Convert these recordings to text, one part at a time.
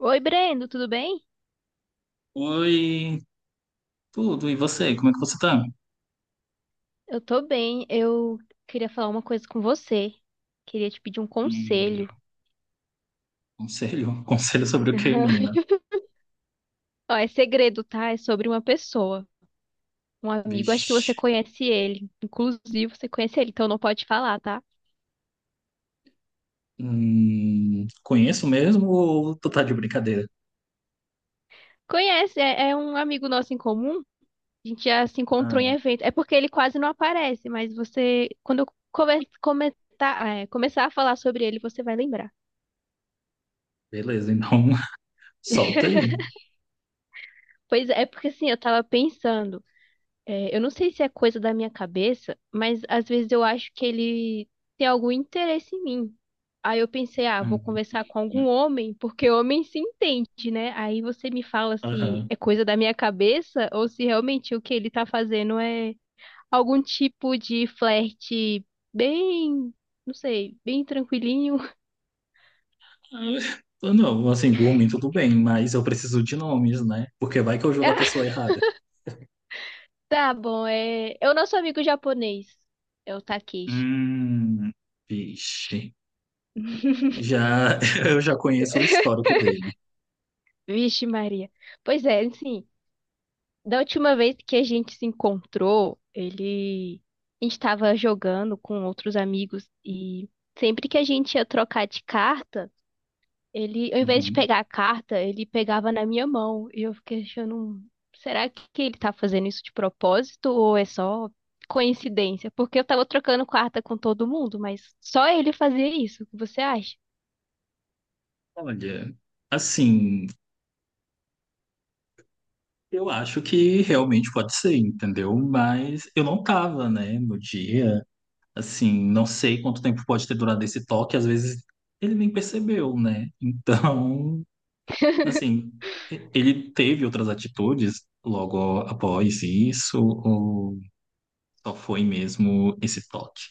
Oi, Brendo, tudo bem? Oi, tudo. E você? Como é que você tá? Eu tô bem. Eu queria falar uma coisa com você. Queria te pedir um Hum, conselho. conselho? Conselho sobre o quê, menina? Ó, é segredo, tá? É sobre uma pessoa, um amigo. Acho que você Vixe. conhece ele. Inclusive, você conhece ele, então não pode falar, tá? Conheço mesmo ou tu tá de brincadeira? Conhece, é um amigo nosso em comum. A gente já se encontrou Ah, em evento. É porque ele quase não aparece, mas você, quando eu comentar, é, começar a falar sobre ele, você vai lembrar. beleza, então, solta aí. Pois é, é porque assim, eu tava pensando. É, eu não sei se é coisa da minha cabeça, mas às vezes eu acho que ele tem algum interesse em mim. Aí eu pensei, ah, vou Hum, conversar com algum homem, porque homem se entende, né? Aí você me fala se aham. é coisa da minha cabeça ou se realmente o que ele tá fazendo é algum tipo de flerte bem, não sei, bem tranquilinho. Ah, não, assim, por mim tudo bem, mas eu preciso de nomes, né? Porque vai que eu jogo a pessoa errada. Ah, tá bom, é o nosso amigo japonês, é o Takeshi. Hum, vixe. Já, eu já conheço o histórico dele. Vixe, Maria. Pois é, sim. Da última vez que a gente se encontrou, ele. A gente estava jogando com outros amigos e sempre que a gente ia trocar de carta, ele, ao invés de Uhum. pegar a carta, ele pegava na minha mão. E eu fiquei achando, será que ele tá fazendo isso de propósito ou é só coincidência? Porque eu tava trocando carta com todo mundo, mas só ele fazia isso. O que você acha? Olha, assim, eu acho que realmente pode ser, entendeu? Mas eu não tava, né, no dia. Assim, não sei quanto tempo pode ter durado esse toque, às vezes ele nem percebeu, né? Então, assim, ele teve outras atitudes logo após isso, ou só foi mesmo esse toque?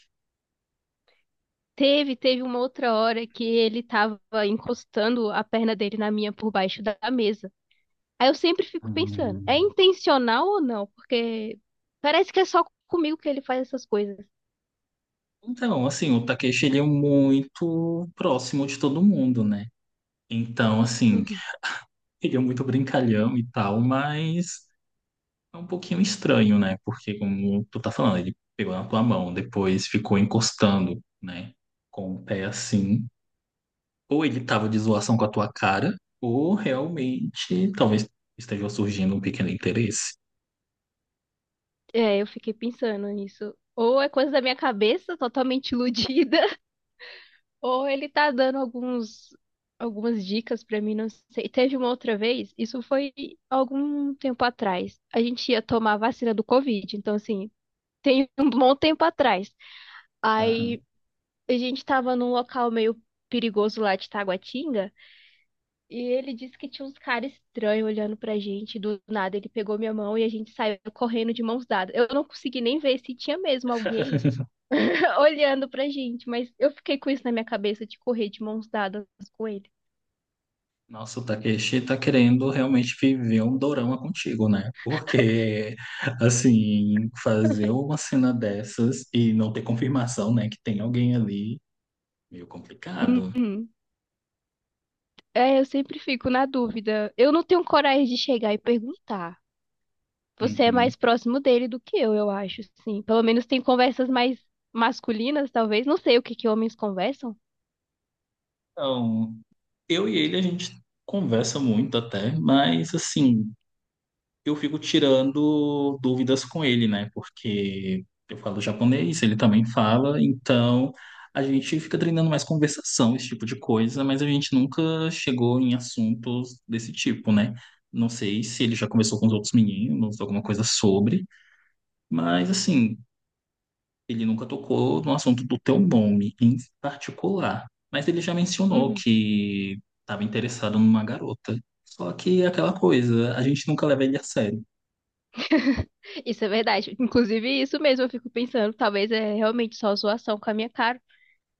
Teve uma outra hora que ele tava encostando a perna dele na minha por baixo da mesa. Aí eu sempre fico pensando, é Hum. intencional ou não? Porque parece que é só comigo que ele faz essas coisas. Então, assim, o Takeshi, ele é muito próximo de todo mundo, né? Então, assim, Uhum. ele é muito brincalhão e tal, mas é um pouquinho estranho, né? Porque, como tu tá falando, ele pegou na tua mão, depois ficou encostando, né? Com o pé assim. Ou ele tava de zoação com a tua cara, ou realmente talvez esteja surgindo um pequeno interesse. É, eu fiquei pensando nisso. Ou é coisa da minha cabeça, totalmente iludida, ou ele tá dando alguns, algumas dicas pra mim, não sei. Teve uma outra vez, isso foi algum tempo atrás. A gente ia tomar a vacina do Covid, então assim, tem um bom tempo atrás. Aham. Aí a gente tava num local meio perigoso lá de Taguatinga. E ele disse que tinha uns caras estranhos olhando pra gente. Do nada, ele pegou minha mão e a gente saiu correndo de mãos dadas. Eu não consegui nem ver se tinha mesmo alguém olhando pra gente, mas eu fiquei com isso na minha cabeça de correr de mãos dadas com ele. Nossa, o Takeshi tá querendo realmente viver um dorama contigo, né? Porque, assim, fazer uma cena dessas e não ter confirmação, né, que tem alguém ali, meio complicado. Uhum. É, eu sempre fico na dúvida. Eu não tenho coragem de chegar e perguntar. Você é Uhum. mais próximo dele do que eu acho, sim. Pelo menos tem conversas mais masculinas, talvez. Não sei o que que homens conversam. Então, eu e ele, a gente conversa muito até, mas assim, eu fico tirando dúvidas com ele, né? Porque eu falo japonês, ele também fala, então a gente fica treinando mais conversação, esse tipo de coisa, mas a gente nunca chegou em assuntos desse tipo, né? Não sei se ele já conversou com os outros meninos, alguma coisa sobre, mas assim, ele nunca tocou no assunto do teu nome em particular, mas ele já mencionou Uhum. que estava interessado numa garota. Só que é aquela coisa, a gente nunca leva ele a sério. Isso é verdade. Inclusive, isso mesmo, eu fico pensando, talvez é realmente só zoação com a minha cara.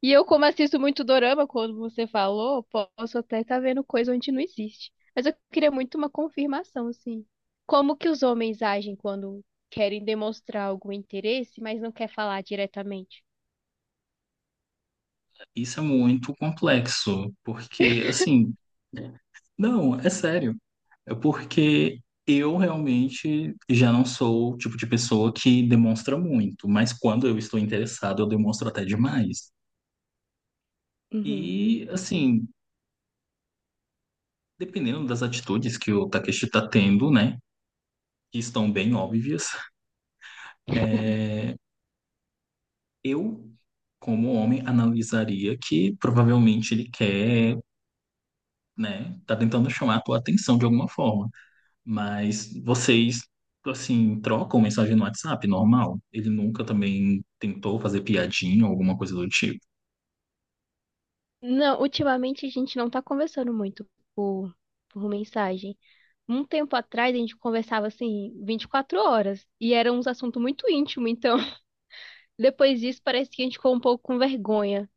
E eu, como assisto muito dorama, quando você falou, posso até estar vendo coisa onde não existe. Mas eu queria muito uma confirmação, assim. Como que os homens agem quando querem demonstrar algum interesse, mas não quer falar diretamente? Isso é muito complexo, porque assim, não, é sério. É porque eu realmente já não sou o tipo de pessoa que demonstra muito, mas quando eu estou interessado, eu demonstro até demais. E, assim, dependendo das atitudes que o Takeshi está tendo, né? Que estão bem óbvias, é, eu, como homem, analisaria que provavelmente ele quer, né, tá tentando chamar a tua atenção de alguma forma. Mas vocês, assim, trocam mensagem no WhatsApp, normal? Ele nunca também tentou fazer piadinha ou alguma coisa do tipo? Não, ultimamente a gente não tá conversando muito por, por mensagem. Um tempo atrás a gente conversava assim 24 horas e era um assunto muito íntimo, então depois disso parece que a gente ficou um pouco com vergonha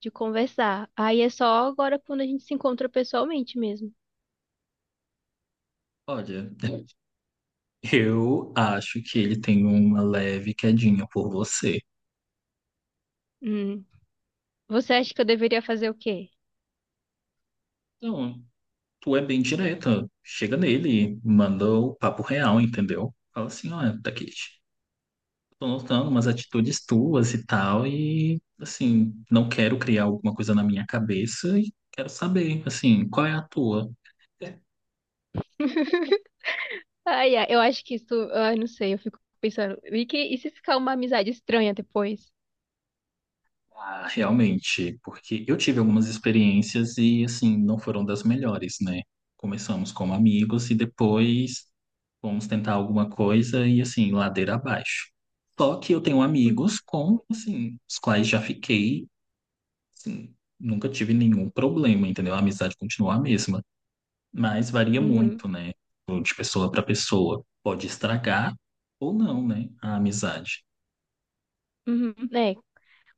de conversar. Aí é só agora quando a gente se encontra pessoalmente mesmo. Olha, eu acho que ele tem uma leve quedinha por você. Hum. Você acha que eu deveria fazer o quê? Então, tu é bem direta. Chega nele, manda o papo real, entendeu? Fala assim, olha, Takeshi, tô notando umas atitudes tuas e tal, e assim, não quero criar alguma coisa na minha cabeça e quero saber, assim, qual é a tua? É. Ai, ai, eu acho que isso, ai, não sei, eu fico pensando, e, que, e se ficar uma amizade estranha depois? Ah, realmente, porque eu tive algumas experiências e assim, não foram das melhores, né? Começamos como amigos e depois vamos tentar alguma coisa e assim, ladeira abaixo. Só que eu tenho Hum. amigos com, assim, os quais já fiquei, assim, nunca tive nenhum problema, entendeu? A amizade continua a mesma. Mas varia muito, Uhum. né? De pessoa para pessoa. Pode estragar ou não, né? A amizade. Uhum.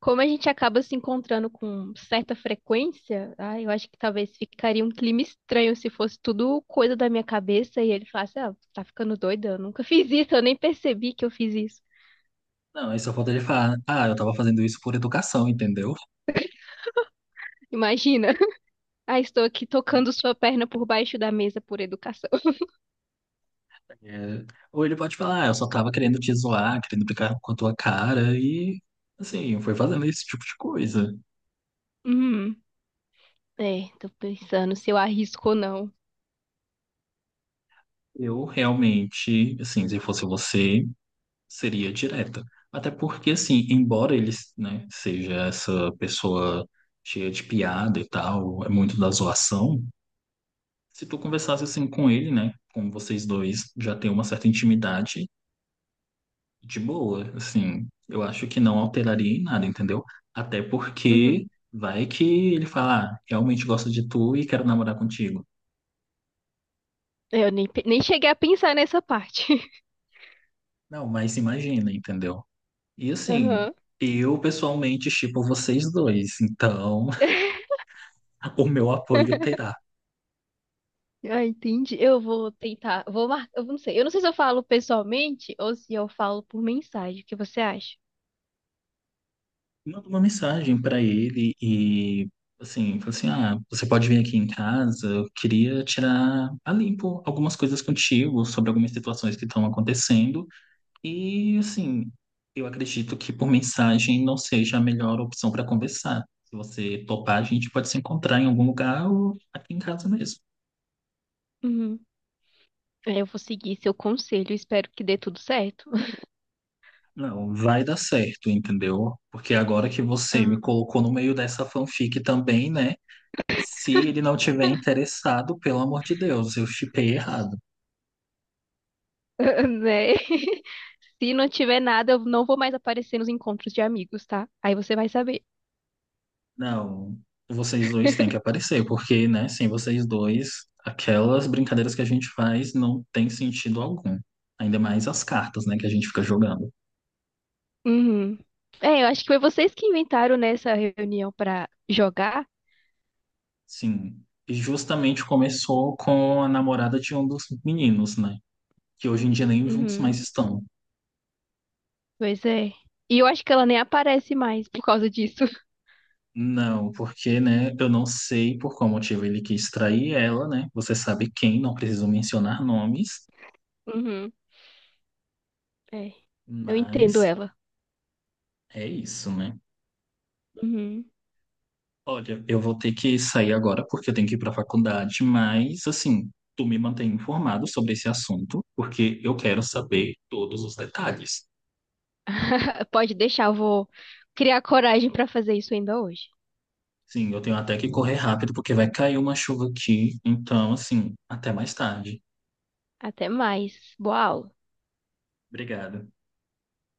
Como a gente acaba se encontrando com certa frequência, ah, eu acho que talvez ficaria um clima estranho se fosse tudo coisa da minha cabeça e ele falasse, ah, tá ficando doida, eu nunca fiz isso, eu nem percebi que eu fiz isso. Não, aí só falta ele falar, ah, eu tava fazendo isso por educação, entendeu? Imagina. Ah, estou aqui tocando sua perna por baixo da mesa por educação. É. Ou ele pode falar, ah, eu só tava querendo te zoar, querendo brincar com a tua cara e, assim, foi fazendo esse tipo de coisa. Hum, é, tô pensando se eu arrisco ou não. Eu realmente, assim, se fosse você, seria direta. Até porque, assim, embora ele, né, seja essa pessoa cheia de piada e tal, é muito da zoação, se tu conversasse assim com ele, né? Como vocês dois já têm uma certa intimidade, de boa, assim, eu acho que não alteraria em nada, entendeu? Até Uhum. porque vai que ele fala, ah, realmente gosto de tu e quero namorar contigo. Eu nem, nem cheguei a pensar nessa parte. Não, mas imagina, entendeu? E assim, Aham. eu pessoalmente shippo vocês dois, então o meu apoio terá. Ah, entendi. Eu vou tentar. Vou marcar. Eu não sei. Eu não sei se eu falo pessoalmente ou se eu falo por mensagem. O que você acha? Manda uma mensagem para ele e assim, fala assim, ah, você pode vir aqui em casa, eu queria tirar a limpo algumas coisas contigo sobre algumas situações que estão acontecendo e assim, eu acredito que por mensagem não seja a melhor opção para conversar. Se você topar, a gente pode se encontrar em algum lugar ou aqui em casa mesmo. Uhum. É, eu vou seguir seu conselho. Espero que dê tudo certo. Não, vai dar certo, entendeu? Porque agora que você me Aham. colocou no meio dessa fanfic também, né? Se ele não tiver interessado, pelo amor de Deus, eu shippei errado. Né? Se não tiver nada, eu não vou mais aparecer nos encontros de amigos, tá? Aí você vai saber. Não, vocês dois têm que aparecer, porque, né, sem vocês dois, aquelas brincadeiras que a gente faz não tem sentido algum. Ainda mais as cartas, né, que a gente fica jogando. Uhum. É, eu acho que foi vocês que inventaram nessa reunião pra jogar. Sim. E justamente começou com a namorada de um dos meninos, né? Que hoje em dia nem juntos Uhum. mais estão. Pois é. E eu acho que ela nem aparece mais por causa disso. Não, porque, né, eu não sei por qual motivo ele quis trair ela, né? Você sabe quem, não preciso mencionar nomes. Uhum. É. Eu entendo Mas ela. é isso, né? Uhum. Olha, eu vou ter que sair agora porque eu tenho que ir para a faculdade, mas assim, tu me mantém informado sobre esse assunto, porque eu quero saber todos os detalhes. Pode deixar, eu vou criar coragem pra fazer isso ainda hoje. Sim, eu tenho até que correr rápido porque vai cair uma chuva aqui, então assim, até mais tarde. Até mais. Boa aula. Obrigado.